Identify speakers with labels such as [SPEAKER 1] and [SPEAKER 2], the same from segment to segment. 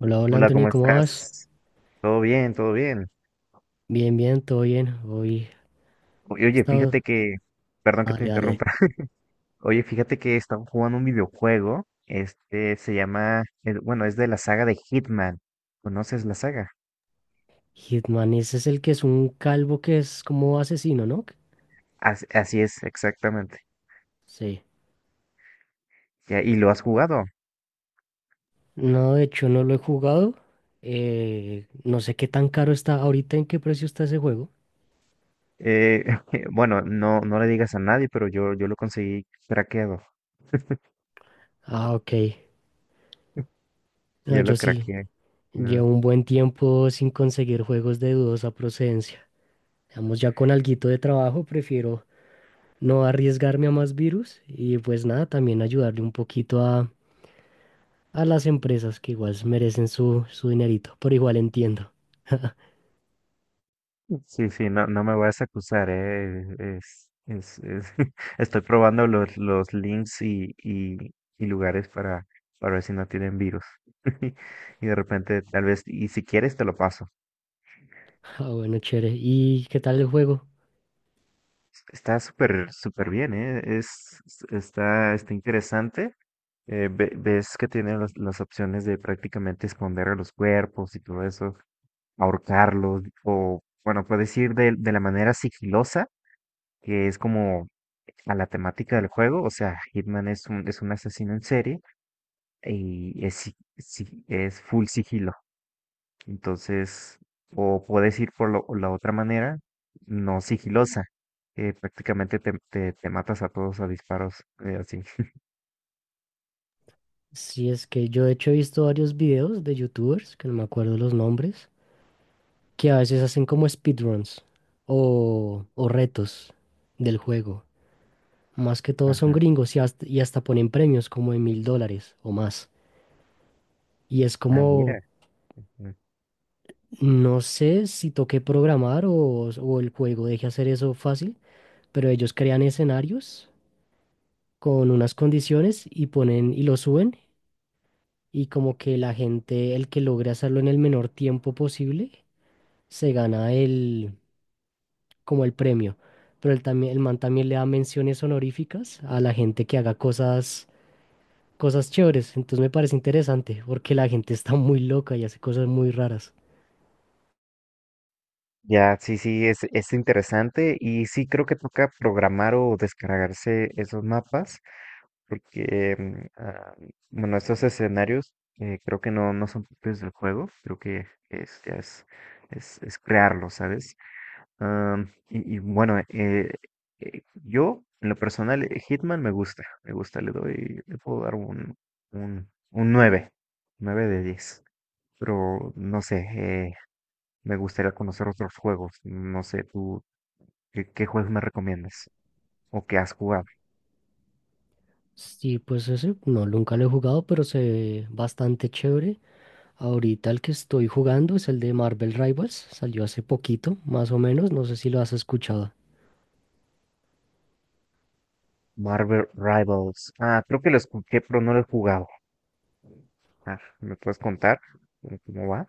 [SPEAKER 1] Hola, hola
[SPEAKER 2] Hola,
[SPEAKER 1] Anthony,
[SPEAKER 2] ¿cómo
[SPEAKER 1] ¿cómo vas?
[SPEAKER 2] estás? Todo bien, todo bien.
[SPEAKER 1] Bien, bien, todo bien. Hoy he
[SPEAKER 2] Oye,
[SPEAKER 1] estado.
[SPEAKER 2] perdón que
[SPEAKER 1] Dale,
[SPEAKER 2] te
[SPEAKER 1] dale.
[SPEAKER 2] interrumpa. Oye, fíjate que estaba jugando un videojuego. Este se llama, bueno, es de la saga de Hitman. ¿Conoces la saga?
[SPEAKER 1] Hitman, ese es el que es un calvo que es como asesino, ¿no?
[SPEAKER 2] Así es, exactamente.
[SPEAKER 1] Sí.
[SPEAKER 2] Ya, ¿y lo has jugado?
[SPEAKER 1] No, de hecho no lo he jugado. No sé qué tan caro está ahorita, en qué precio está ese juego.
[SPEAKER 2] Eh, bueno, no, no le digas a nadie, pero yo lo conseguí craqueado.
[SPEAKER 1] Ah, ok. No,
[SPEAKER 2] Yo
[SPEAKER 1] yo
[SPEAKER 2] lo
[SPEAKER 1] sí.
[SPEAKER 2] craqueé. Ah.
[SPEAKER 1] Llevo un buen tiempo sin conseguir juegos de dudosa procedencia. Digamos, ya con alguito de trabajo, prefiero no arriesgarme a más virus y pues nada, también ayudarle un poquito a las empresas que igual merecen su dinerito, pero igual entiendo.
[SPEAKER 2] Sí, sí, no, no me vas a acusar, estoy probando los links y, y lugares para ver si no tienen virus. Y de repente, tal vez, y si quieres te lo paso.
[SPEAKER 1] Ah, bueno, chévere. ¿Y qué tal el juego?
[SPEAKER 2] Está súper, súper bien, está interesante. Ves que tiene las opciones de prácticamente esconder a los cuerpos y todo eso, ahorcarlos, o bueno, puedes ir de la manera sigilosa, que es como a la temática del juego, o sea, es un asesino en serie y es, es full sigilo. Entonces, o puedes ir por la otra manera, no sigilosa, que prácticamente te matas a todos a disparos, así.
[SPEAKER 1] Si es que yo de hecho he visto varios videos de youtubers, que no me acuerdo los nombres, que a veces hacen como speedruns o retos del juego. Más que todo son
[SPEAKER 2] Ajá.
[SPEAKER 1] gringos y hasta ponen premios como de 1.000 dólares o más. Y es
[SPEAKER 2] Ah,
[SPEAKER 1] como,
[SPEAKER 2] mira. Mm.
[SPEAKER 1] no sé si toqué programar o el juego deje hacer eso fácil, pero ellos crean escenarios con unas condiciones y ponen y lo suben y como que la gente, el que logre hacerlo en el menor tiempo posible, se gana el como el premio. Pero el, también, el man también le da menciones honoríficas a la gente que haga cosas, cosas chéveres. Entonces me parece interesante porque la gente está muy loca y hace cosas muy raras.
[SPEAKER 2] Ya, sí, sí, es interesante y sí creo que toca programar o descargarse esos mapas porque, bueno, estos escenarios, creo que no, no son propios del juego, creo que ya es crearlo, ¿sabes? Ah, y bueno, yo, en lo personal, Hitman me gusta, le doy, le puedo dar un nueve, 9 de diez, pero no sé, me gustaría conocer otros juegos, no sé, tú, ¿qué juegos me recomiendas o qué has jugado?
[SPEAKER 1] Sí, pues ese no, nunca lo he jugado, pero se ve bastante chévere. Ahorita el que estoy jugando es el de Marvel Rivals, salió hace poquito, más o menos, no sé si lo has escuchado.
[SPEAKER 2] Marvel Rivals. Ah, creo que lo escuché, pero no lo he jugado. Ah, ¿me puedes contar cómo va?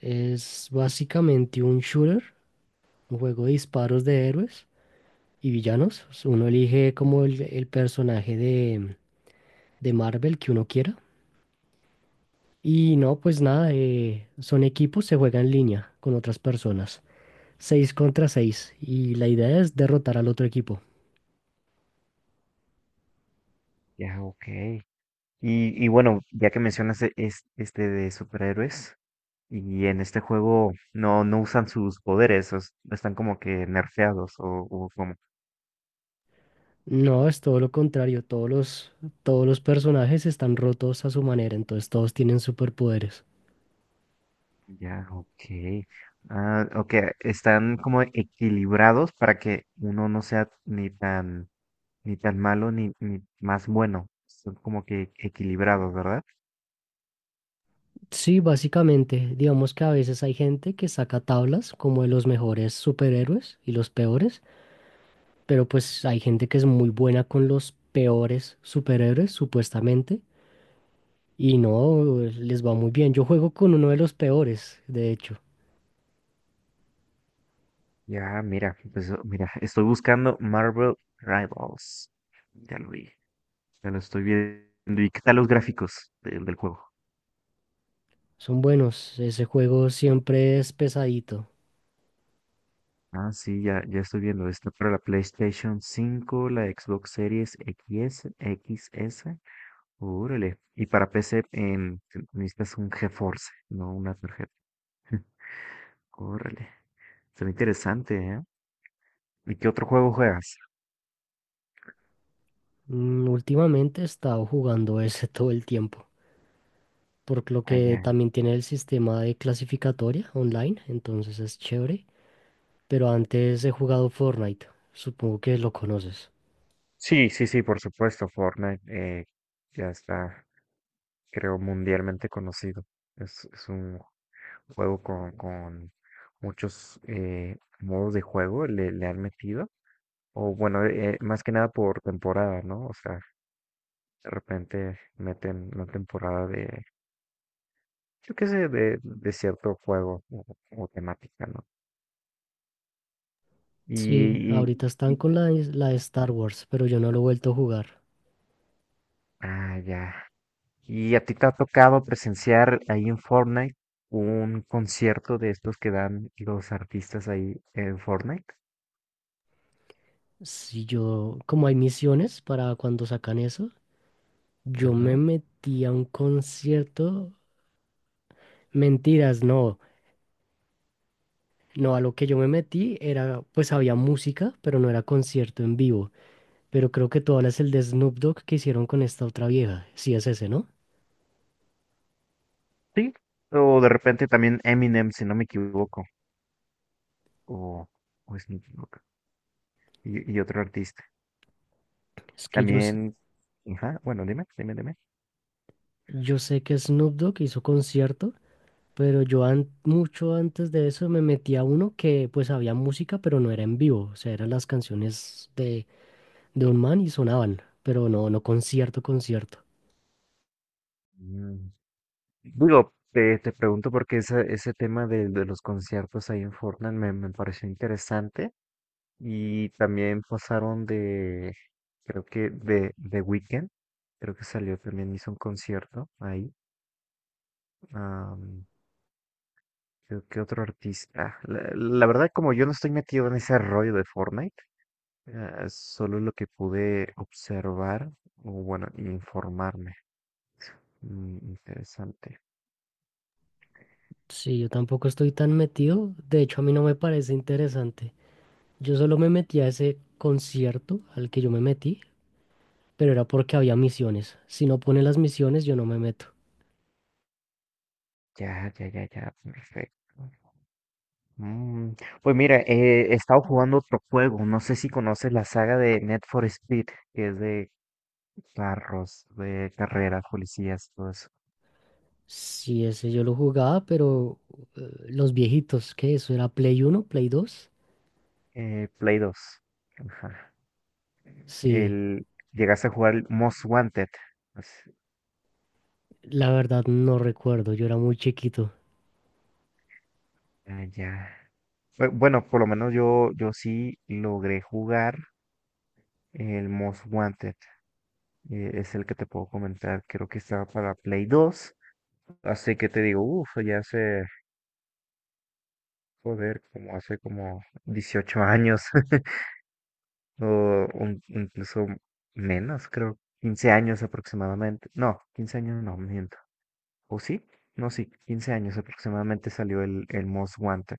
[SPEAKER 1] Es básicamente un shooter, un juego de disparos de héroes y villanos. Uno elige como el personaje de Marvel que uno quiera. Y no, pues nada, son equipos, se juega en línea con otras personas. 6 contra 6. Y la idea es derrotar al otro equipo.
[SPEAKER 2] Ya, ok. Y bueno, ya que mencionas este de superhéroes, y en este juego no, no usan sus poderes, están como que nerfeados o como.
[SPEAKER 1] No, es todo lo contrario. Todos los personajes están rotos a su manera, entonces todos tienen superpoderes.
[SPEAKER 2] Ya, ok. Ah, ok, están como equilibrados para que uno no sea ni tan, ni tan malo ni, ni más bueno. Son como que equilibrados, ¿verdad?
[SPEAKER 1] Sí, básicamente, digamos que a veces hay gente que saca tablas como de los mejores superhéroes y los peores, pero pues hay gente que es muy buena con los peores superhéroes, supuestamente, y no les va muy bien. Yo juego con uno de los peores, de hecho.
[SPEAKER 2] Ya, mira, pues oh, mira, estoy buscando Marvel Rivals. Ya lo vi, ya lo estoy viendo. ¿Y qué tal los gráficos del juego?
[SPEAKER 1] Son buenos, ese juego siempre es pesadito.
[SPEAKER 2] Ah, sí, ya, ya estoy viendo. Está para la PlayStation cinco, la Xbox Series X, X S. Órale. Y para PC necesitas un GeForce, no, una tarjeta. Órale. Está interesante, ¿eh? ¿Y qué otro juego juegas?
[SPEAKER 1] Últimamente he estado jugando ese todo el tiempo, por lo
[SPEAKER 2] Ah,
[SPEAKER 1] que
[SPEAKER 2] ya.
[SPEAKER 1] también tiene el sistema de clasificatoria online, entonces es chévere. Pero antes he jugado Fortnite. Supongo que lo conoces.
[SPEAKER 2] Sí, sí, sí, por supuesto, Fortnite. Ya está, creo, mundialmente conocido. Es un juego con muchos, modos de juego le, le han metido. O bueno, más que nada por temporada, ¿no? O sea, de repente meten una temporada de, yo qué sé, de cierto juego o temática, ¿no? Y,
[SPEAKER 1] Sí,
[SPEAKER 2] y-
[SPEAKER 1] ahorita están
[SPEAKER 2] y-
[SPEAKER 1] con la, la de Star Wars, pero yo no lo he vuelto a jugar.
[SPEAKER 2] ah, ya. ¿Y a ti te ha tocado presenciar ahí en Fortnite un concierto de estos que dan los artistas ahí en Fortnite?
[SPEAKER 1] Si yo, como hay misiones para cuando sacan eso, yo me
[SPEAKER 2] Ajá.
[SPEAKER 1] metí a un concierto. Mentiras, no. No, a lo que yo me metí era, pues había música, pero no era concierto en vivo. Pero creo que tú hablas el de Snoop Dogg que hicieron con esta otra vieja. Sí, es ese, ¿no?
[SPEAKER 2] Sí, o de repente también Eminem, si no me equivoco, o, o Snoop Dogg, y otro artista.
[SPEAKER 1] Es que yo,
[SPEAKER 2] También, ajá, bueno, dime, dime, dime.
[SPEAKER 1] yo sé que Snoop Dogg hizo concierto. Pero yo mucho antes de eso me metí a uno que pues había música, pero no era en vivo. O sea, eran las canciones de un man y sonaban, pero no, no concierto, concierto.
[SPEAKER 2] Mm, Digo, te pregunto porque ese tema de los conciertos ahí en Fortnite me pareció interesante. Y también pasaron creo que de The Weeknd, creo que salió también, hizo un concierto ahí. Am, creo que otro artista. Ah, la verdad, como yo no estoy metido en ese rollo de Fortnite, solo lo que pude observar, o bueno, informarme. Mm, interesante.
[SPEAKER 1] Sí, yo tampoco estoy tan metido. De hecho, a mí no me parece interesante. Yo solo me metí a ese concierto al que yo me metí, pero era porque había misiones. Si no pone las misiones, yo no me meto.
[SPEAKER 2] Ya, ya, ya, ya, perfecto. Mm, Pues mira, he estado jugando otro juego, no sé si conoces la saga de Net for Speed, que es de carros, de carreras, policías, todo eso.
[SPEAKER 1] Sí, ese yo lo jugaba, pero los viejitos, ¿qué? ¿Eso era Play uno Play dos?
[SPEAKER 2] Play 2. Ajá.
[SPEAKER 1] Sí.
[SPEAKER 2] El, ¿llegaste a jugar el Most Wanted? Pues,
[SPEAKER 1] La verdad no recuerdo, yo era muy chiquito.
[SPEAKER 2] ah, ya. Bueno, por lo menos yo, yo sí logré jugar el Most Wanted, es el que te puedo comentar. Creo que estaba para Play 2. Así que te digo, uff, ya hace, joder, como hace como 18 años. O incluso menos, creo. 15 años aproximadamente. No, 15 años no, miento. ¿O sí? No, sí, 15 años aproximadamente salió el Most Wanted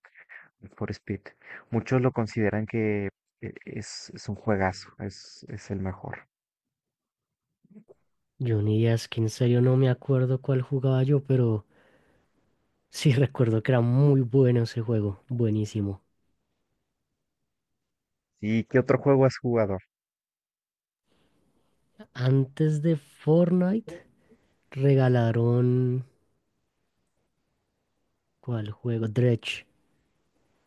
[SPEAKER 2] for Speed. Muchos lo consideran que es un juegazo, es el mejor.
[SPEAKER 1] Johnny es que en serio no me acuerdo cuál jugaba yo, pero sí recuerdo que era muy bueno ese juego, buenísimo.
[SPEAKER 2] ¿Y qué otro juego has jugado?
[SPEAKER 1] Antes de Fortnite regalaron, ¿cuál juego? Dredge,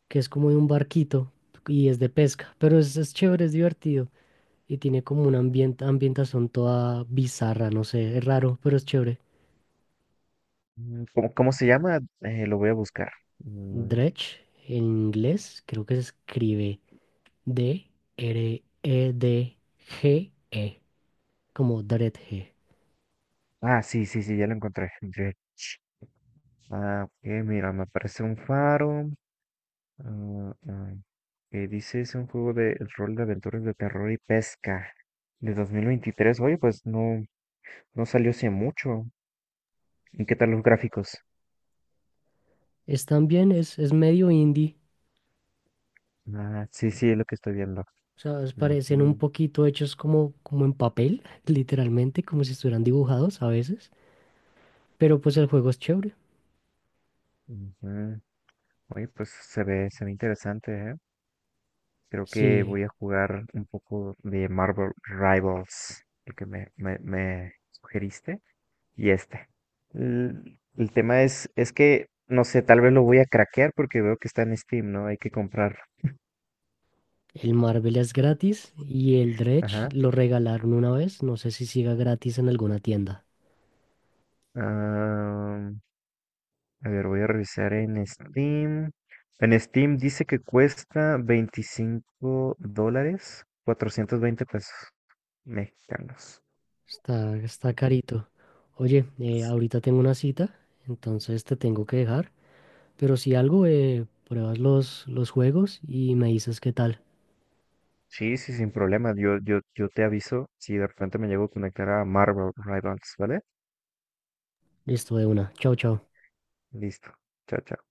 [SPEAKER 1] que es como de un barquito y es de pesca, pero es chévere, es divertido y tiene como una ambientación toda bizarra, no sé, es raro, pero es chévere.
[SPEAKER 2] Mm, ¿cómo, cómo se llama? Lo voy a buscar. Mm.
[SPEAKER 1] Dredge en inglés creo que se escribe D, R, E, D, G, E, como Dreadhead.
[SPEAKER 2] Ah, sí, sí, sí, ya lo encontré. Dread. Ah, ok, mira, me aparece un faro. Ah, ah, que dice es un juego de rol de aventuras de terror y pesca de 2023. Oye, pues no, no salió hace mucho. ¿Y qué tal los gráficos?
[SPEAKER 1] Es también, es medio indie,
[SPEAKER 2] Ah, sí, sí, es lo que estoy viendo.
[SPEAKER 1] o sea, es- parecen un
[SPEAKER 2] Ujú,
[SPEAKER 1] poquito hechos como, como en papel, literalmente, como si estuvieran dibujados a veces, pero pues el juego es chévere.
[SPEAKER 2] ujú. Oye, pues se ve interesante, ¿eh? Creo que
[SPEAKER 1] Sí,
[SPEAKER 2] voy a jugar un poco de Marvel Rivals, el que me sugeriste, y este. El tema es que, no sé, tal vez lo voy a craquear porque veo que está en Steam, ¿no? Hay que comprarlo.
[SPEAKER 1] el Marvel es gratis y el Dredge
[SPEAKER 2] Ajá.
[SPEAKER 1] lo regalaron una vez, no sé si siga gratis en alguna tienda.
[SPEAKER 2] Ah, a ver, voy a revisar en Steam. En Steam dice que cuesta $25, 420 pesos mexicanos.
[SPEAKER 1] Está, está carito. Oye, ahorita tengo una cita, entonces te tengo que dejar. Pero si algo, pruebas los juegos y me dices qué tal.
[SPEAKER 2] Sí, sí, sin problema. Yo te aviso si de repente me llego a conectar a Marvel Rivals, ¿vale?
[SPEAKER 1] Listo de una. Chao, chao.
[SPEAKER 2] Listo. Chao, chao.